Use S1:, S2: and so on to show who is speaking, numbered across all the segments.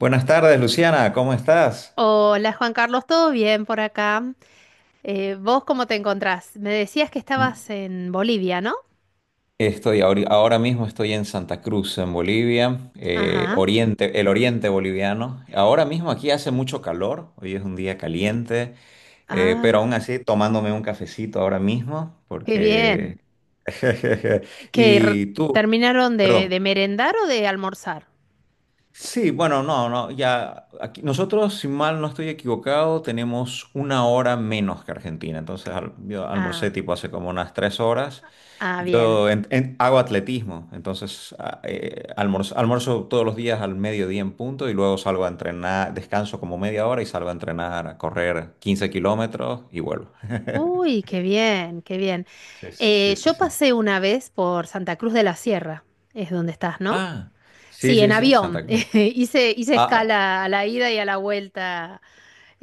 S1: Buenas tardes, Luciana, ¿cómo estás?
S2: Hola Juan Carlos, ¿todo bien por acá? ¿Vos cómo te encontrás? Me decías que
S1: Mm,
S2: estabas en Bolivia, ¿no?
S1: Estoy ahora mismo estoy en Santa Cruz, en Bolivia,
S2: Ajá.
S1: oriente, el oriente boliviano. Ahora mismo aquí hace mucho calor, hoy es un día caliente, pero
S2: Ah,
S1: aún así tomándome un cafecito ahora mismo,
S2: qué
S1: porque...
S2: bien. ¿Que r-
S1: Y tú,
S2: terminaron de,
S1: perdón.
S2: merendar o de almorzar?
S1: Sí, bueno, no, no, ya aquí, nosotros, si mal no estoy equivocado, tenemos una hora menos que Argentina. Entonces, yo almorcé
S2: Ah,
S1: tipo hace como unas 3 horas.
S2: ah, bien.
S1: Yo hago atletismo, entonces almuerzo todos los días al mediodía en punto y luego salgo a entrenar, descanso como media hora y salgo a entrenar, a correr 15 kilómetros y vuelvo.
S2: Uy, qué bien, qué bien.
S1: Sí, sí,
S2: Eh,
S1: sí,
S2: yo
S1: sí.
S2: pasé una vez por Santa Cruz de la Sierra, es donde estás, ¿no?
S1: Ah, sí,
S2: Sí, en
S1: sí, sí,
S2: avión.
S1: Santa Cruz.
S2: Hice
S1: Ah,
S2: escala a la ida y a la vuelta.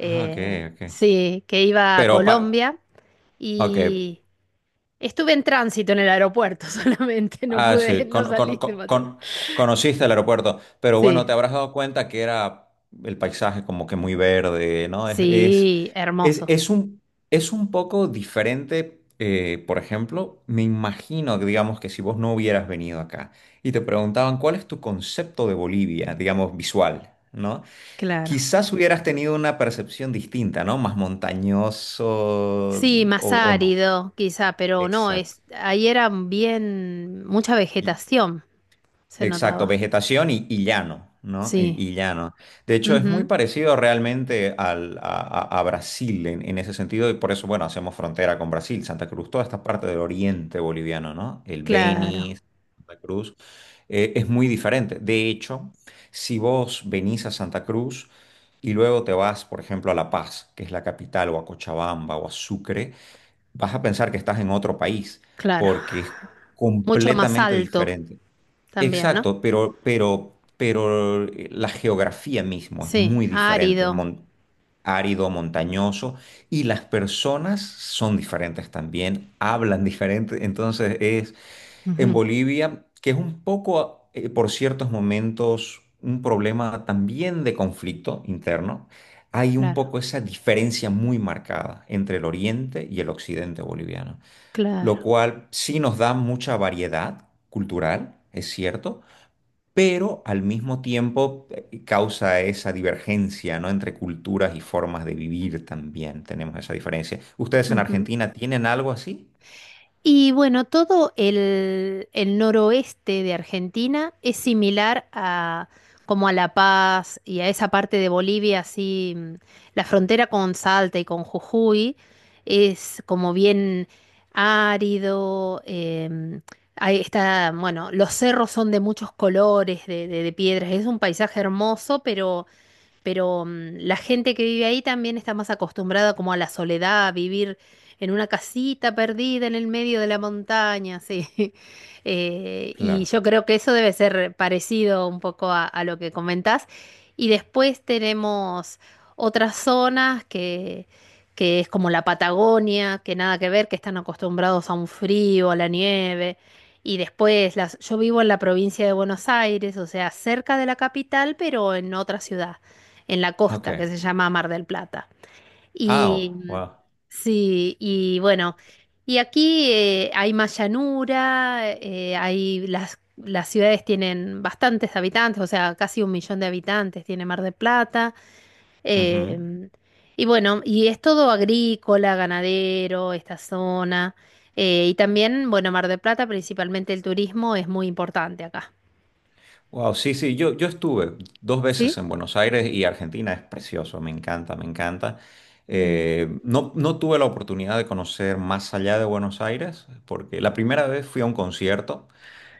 S1: ah, ok, ok.
S2: sí, que iba a
S1: Pero, pa
S2: Colombia.
S1: ok.
S2: y... Estuve en tránsito en el aeropuerto solamente, no
S1: Ah,
S2: pude,
S1: sí,
S2: no salí de Machado.
S1: conociste el aeropuerto, pero bueno,
S2: Sí,
S1: te habrás dado cuenta que era el paisaje como que muy verde, ¿no?
S2: sí, hermoso,
S1: Es un, es un poco diferente, por ejemplo, me imagino, que, digamos, que si vos no hubieras venido acá y te preguntaban cuál es tu concepto de Bolivia, digamos, visual, ¿no?
S2: claro.
S1: Quizás hubieras tenido una percepción distinta, ¿no? Más montañoso
S2: Sí, más
S1: o no.
S2: árido quizá, pero no,
S1: Exacto.
S2: es, ahí era bien, mucha vegetación se
S1: Exacto,
S2: notaba.
S1: vegetación y llano, ¿no?
S2: Sí,
S1: Y llano. De hecho, es muy
S2: ujú,
S1: parecido realmente a Brasil en ese sentido, y por eso, bueno, hacemos frontera con Brasil, Santa Cruz, toda esta parte del oriente boliviano, ¿no? El
S2: claro,
S1: Beni, Santa Cruz, es muy diferente. De hecho, si vos venís a Santa Cruz y luego te vas, por ejemplo, a La Paz, que es la capital, o a Cochabamba o a Sucre, vas a pensar que estás en otro país,
S2: claro.
S1: porque es
S2: Mucho más
S1: completamente
S2: alto
S1: diferente.
S2: también, ¿no?
S1: Exacto, pero la geografía mismo es
S2: Sí,
S1: muy diferente,
S2: árido.
S1: árido, montañoso, y las personas son diferentes también, hablan diferente. Entonces es en
S2: Ujú,
S1: Bolivia, que es un poco, por ciertos momentos, un problema también de conflicto interno, hay un
S2: claro,
S1: poco esa diferencia muy marcada entre el oriente y el occidente boliviano, lo
S2: claro.
S1: cual sí nos da mucha variedad cultural, es cierto, pero al mismo tiempo causa esa divergencia, ¿no? Entre culturas y formas de vivir también tenemos esa diferencia. ¿Ustedes en
S2: Ujú.
S1: Argentina tienen algo así?
S2: Y bueno, todo el noroeste de Argentina es similar a como a La Paz y a esa parte de Bolivia, así la frontera con Salta y con Jujuy es como bien árido. Ahí está, bueno, los cerros son de muchos colores, de piedras. Es un paisaje hermoso, pero la gente que vive ahí también está más acostumbrada como a la soledad, a vivir en una casita perdida en el medio de la montaña, sí. Y
S1: Claro.
S2: yo creo que eso debe ser parecido un poco a lo que comentás. Y después tenemos otras zonas que es como la Patagonia, que nada que ver, que están acostumbrados a un frío, a la nieve. Y después, yo vivo en la provincia de Buenos Aires, o sea, cerca de la capital, pero en otra ciudad en la
S1: Ok.
S2: costa, que se llama Mar del Plata.
S1: Ah, oh,
S2: Y
S1: wow.
S2: sí, y bueno, y aquí hay más llanura, hay las ciudades tienen bastantes habitantes, o sea, casi 1 millón de habitantes tiene Mar del Plata.
S1: Ujú.
S2: em, y bueno, y es todo agrícola, ganadero, esta zona. Y también, bueno, Mar del Plata, principalmente el turismo es muy importante acá.
S1: Wow, sí, sí, yo estuve dos veces
S2: ¿Sí?
S1: en Buenos Aires y Argentina es precioso, me encanta, me encanta.
S2: Mm,
S1: No, no tuve la oportunidad de conocer más allá de Buenos Aires, porque la primera vez fui a un concierto,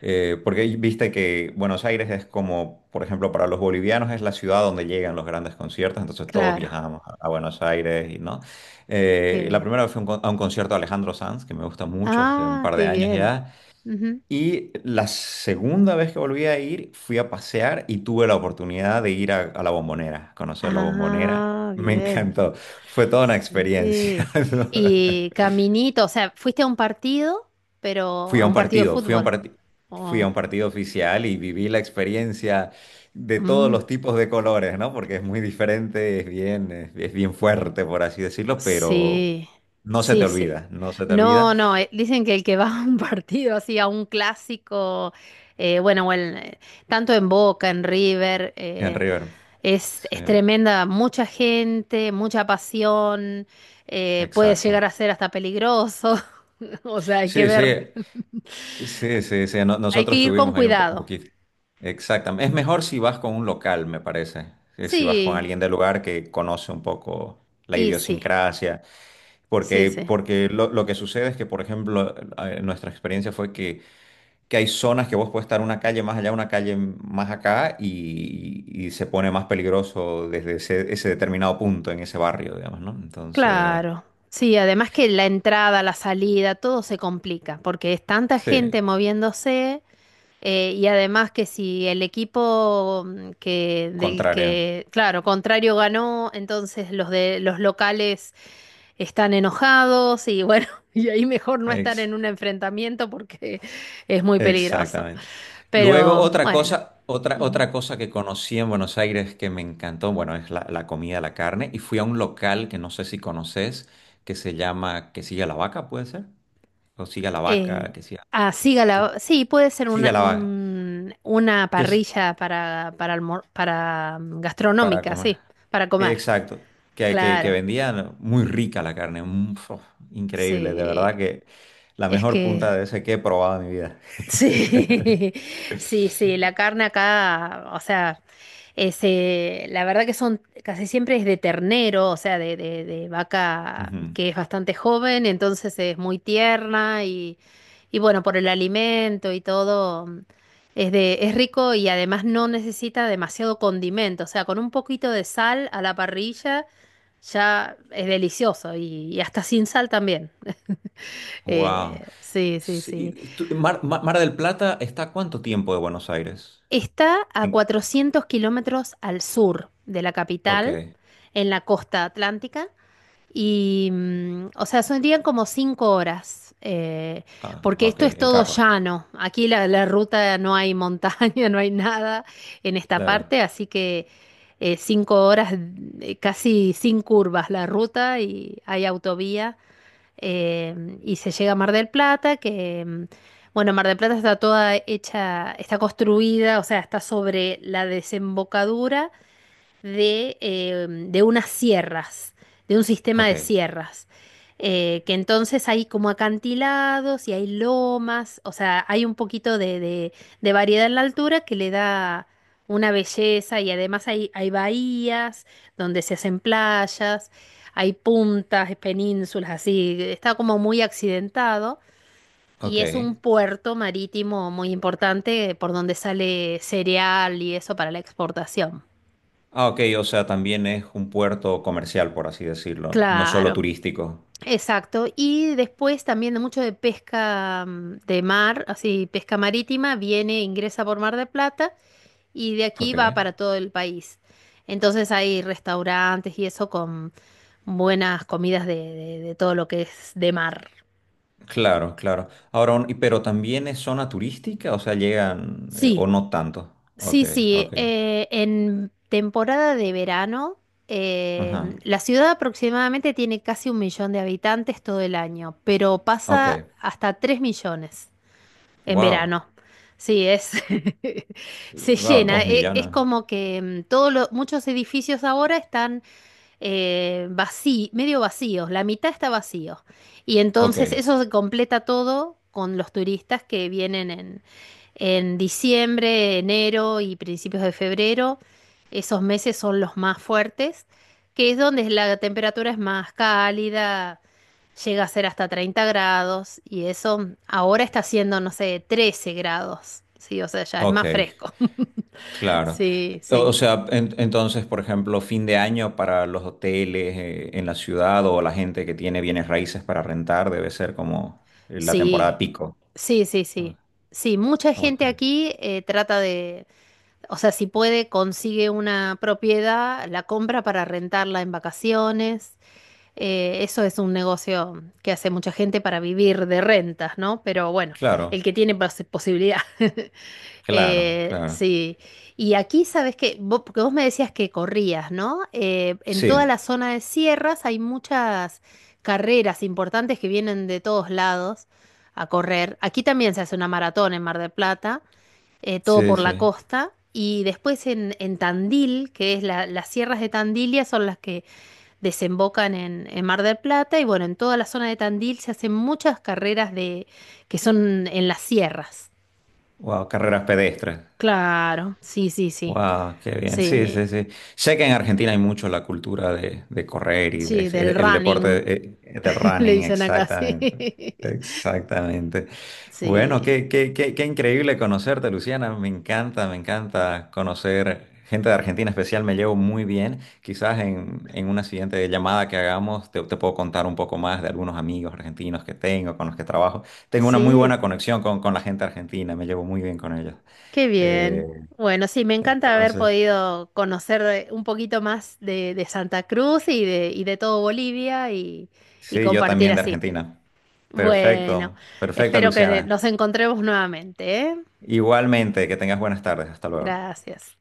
S1: porque viste que Buenos Aires es como, por ejemplo, para los bolivianos es la ciudad donde llegan los grandes conciertos, entonces todos
S2: claro,
S1: viajamos a Buenos Aires y no. La
S2: que
S1: primera vez fue a un a un concierto de Alejandro Sanz, que me gusta mucho, hace un
S2: Ah,
S1: par de
S2: qué
S1: años
S2: bien.
S1: ya.
S2: Ujú.
S1: Y la segunda vez que volví a ir, fui a pasear y tuve la oportunidad de ir a la Bombonera, conocer la Bombonera.
S2: Ah,
S1: Me
S2: bien.
S1: encantó. Fue toda una experiencia.
S2: Sí.
S1: ¿No?
S2: Y caminito, o sea, fuiste a un partido, pero
S1: Fui
S2: a
S1: a un
S2: un partido de
S1: partido, fui a un
S2: fútbol.
S1: parti- fui a un partido oficial y viví la experiencia de todos
S2: Oh.
S1: los tipos de colores, ¿no? Porque es muy diferente, es bien, es bien fuerte, por así decirlo, pero
S2: Sí,
S1: no se te
S2: sí, sí.
S1: olvida, no se te olvida.
S2: No, no, dicen que el que va a un partido así, a un clásico, bueno, o en, tanto en Boca, en River,
S1: En River, sí,
S2: es tremenda, mucha gente, mucha pasión, puede llegar
S1: exacto.
S2: a ser hasta peligroso, o sea, hay que
S1: Sí,
S2: ver,
S1: sí, sí, sí, sí,
S2: hay que
S1: nosotros
S2: ir con
S1: tuvimos ahí un, un
S2: cuidado.
S1: poquito. Exactamente. Es mejor si vas con un local, me parece, que si vas con
S2: Sí,
S1: alguien del lugar que conoce un poco la
S2: y sí,
S1: idiosincrasia,
S2: sí,
S1: porque,
S2: sí.
S1: porque lo que sucede es que, por ejemplo, nuestra experiencia fue que hay zonas que vos puedes estar una calle más allá, una calle más acá, y se pone más peligroso desde ese, ese determinado punto en ese barrio, digamos, ¿no? Entonces,
S2: Claro, sí, además que la entrada, la salida, todo se complica porque es tanta
S1: sí,
S2: gente moviéndose y además que si el equipo que del
S1: contrario.
S2: que, claro, contrario ganó, entonces los de los locales están enojados y bueno, y ahí mejor no estar
S1: Ex-
S2: en un enfrentamiento porque es muy peligroso.
S1: Exactamente. Luego,
S2: Pero
S1: otra
S2: bueno.
S1: cosa, otra,
S2: Ujú.
S1: otra cosa que conocí en Buenos Aires que me encantó, bueno, es la, la comida, la carne, y fui a un local que no sé si conoces, que se llama Que Siga la Vaca, ¿puede ser? O Siga la Vaca,
S2: Eh, así
S1: que
S2: gala- sí, puede ser
S1: siga
S2: una,
S1: la vaca,
S2: un- una
S1: que es
S2: parrilla para,
S1: para
S2: gastronómica,
S1: comer.
S2: sí, para comer.
S1: Exacto, que
S2: Claro,
S1: vendían muy rica la carne, increíble, de verdad
S2: sí.
S1: que la
S2: Es
S1: mejor
S2: que
S1: punta de ese que he probado en mi vida.
S2: Sí, sí, sí, la carne acá, o sea, es, la verdad que son, casi siempre es de ternero, o sea, de vaca que es bastante joven, entonces es muy tierna y bueno, por el alimento y todo, es de, es rico y además no necesita demasiado condimento, o sea, con un poquito de sal a la parrilla ya es delicioso y hasta sin sal también.
S1: Wow.
S2: Sí, sí,
S1: Sí,
S2: sí.
S1: Mar del Plata está a cuánto tiempo de Buenos Aires?
S2: Está a
S1: En,
S2: 400 km al sur de la
S1: ok,
S2: capital, en la costa atlántica, y, o sea, serían como 5 horas,
S1: ah,
S2: porque
S1: ok,
S2: esto es
S1: en
S2: todo
S1: carro,
S2: llano. Aquí la ruta no hay montaña, no hay nada en esta
S1: claro.
S2: parte, así que 5 horas, casi sin curvas la ruta y hay autovía y se llega a Mar del Plata, que, bueno, Mar del Plata está toda hecha, está construida, o sea, está sobre la desembocadura de unas sierras, de un sistema
S1: Ok,
S2: de sierras. Que entonces hay como acantilados y hay lomas, o sea, hay un poquito de variedad en la altura que le da una belleza y además hay bahías donde se hacen playas, hay puntas, penínsulas, así, está como muy accidentado. Y
S1: ok.
S2: es un puerto marítimo muy importante por donde sale cereal y eso para la exportación.
S1: Ah, ok, o sea, también es un puerto comercial, por así decirlo, no solo
S2: Claro.
S1: turístico.
S2: Exacto, y después también de mucho de pesca de mar, así pesca marítima, viene, ingresa por Mar de Plata y de aquí
S1: Ok,
S2: va para todo el país. Entonces hay restaurantes y eso con buenas comidas de todo lo que es de mar.
S1: claro, claro. Ahora, pero también es zona turística, o sea, llegan, o
S2: Sí,
S1: no tanto. Ok,
S2: sí, sí.
S1: ok,
S2: En temporada de verano,
S1: ajá,
S2: la ciudad aproximadamente tiene casi 1 millón de habitantes todo el año, pero
S1: ok,
S2: pasa hasta 3 millones. En
S1: wow,
S2: verano. Sí, es se
S1: wow,
S2: llena.
S1: dos
S2: Es,
S1: millones.
S2: como que todos los muchos edificios ahora están medio vacíos, la mitad está vacío. Y
S1: Ok,
S2: entonces eso se completa todo con los turistas que vienen en diciembre, enero y principios de febrero. Esos meses son los más fuertes, que es donde la temperatura es más cálida. Llega a ser hasta 30 grados y eso ahora está haciendo, no sé, 13 grados. Sí, o sea, ya es
S1: ok,
S2: más fresco.
S1: claro.
S2: Sí,
S1: O
S2: sí.
S1: sea, entonces, por ejemplo, fin de año para los hoteles en la ciudad o la gente que tiene bienes raíces para rentar debe ser como la
S2: Sí,
S1: temporada pico.
S2: sí, sí,
S1: Ah,
S2: sí. Sí, mucha gente
S1: ok.
S2: aquí trata de, o sea, si puede, consigue una propiedad, la compra para rentarla en vacaciones. Eso es un negocio que hace mucha gente para vivir de rentas, ¿no? Pero bueno,
S1: Claro,
S2: el que tiene posibilidad.
S1: claro,
S2: Eh,
S1: claro.
S2: sí, y aquí sabes que, vos, porque vos me decías que corrías, ¿no? En toda
S1: Sí,
S2: la zona de sierras hay muchas carreras importantes que vienen de todos lados a correr. Aquí también se hace una maratón en Mar del Plata, todo
S1: sí,
S2: por la
S1: sí.
S2: costa, y después en, Tandil, que es las sierras de Tandilia son las que desembocan en, Mar del Plata, y bueno, en toda la zona de Tandil se hacen muchas carreras de, que son en las sierras.
S1: Wow, carreras pedestres.
S2: Claro, sí, sí, sí.
S1: Wow, qué bien. Sí,
S2: Sí,
S1: sí, sí. Sé que en Argentina hay mucho la cultura de correr y de,
S2: sí, del
S1: el
S2: running,
S1: deporte del
S2: le
S1: running,
S2: dicen acá, sí.
S1: exactamente. Exactamente.
S2: Sí,
S1: Bueno, qué, qué, qué, qué increíble conocerte, Luciana. Me encanta conocer gente de Argentina especial. Me llevo muy bien. Quizás en una siguiente llamada que hagamos te puedo contar un poco más de algunos amigos argentinos que tengo, con los que trabajo. Tengo una muy
S2: sí,
S1: buena conexión con la gente argentina. Me llevo muy bien con ellos.
S2: qué
S1: Eh,
S2: bien. Bueno, sí, me encanta haber
S1: entonces...
S2: podido conocer un poquito más de Santa Cruz y de todo Bolivia y
S1: Sí, yo
S2: compartir
S1: también de
S2: así.
S1: Argentina.
S2: Bueno,
S1: Perfecto, perfecto,
S2: espero que
S1: Luciana.
S2: nos encontremos nuevamente, ¿eh?
S1: Igualmente, que tengas buenas tardes. Hasta luego.
S2: Gracias.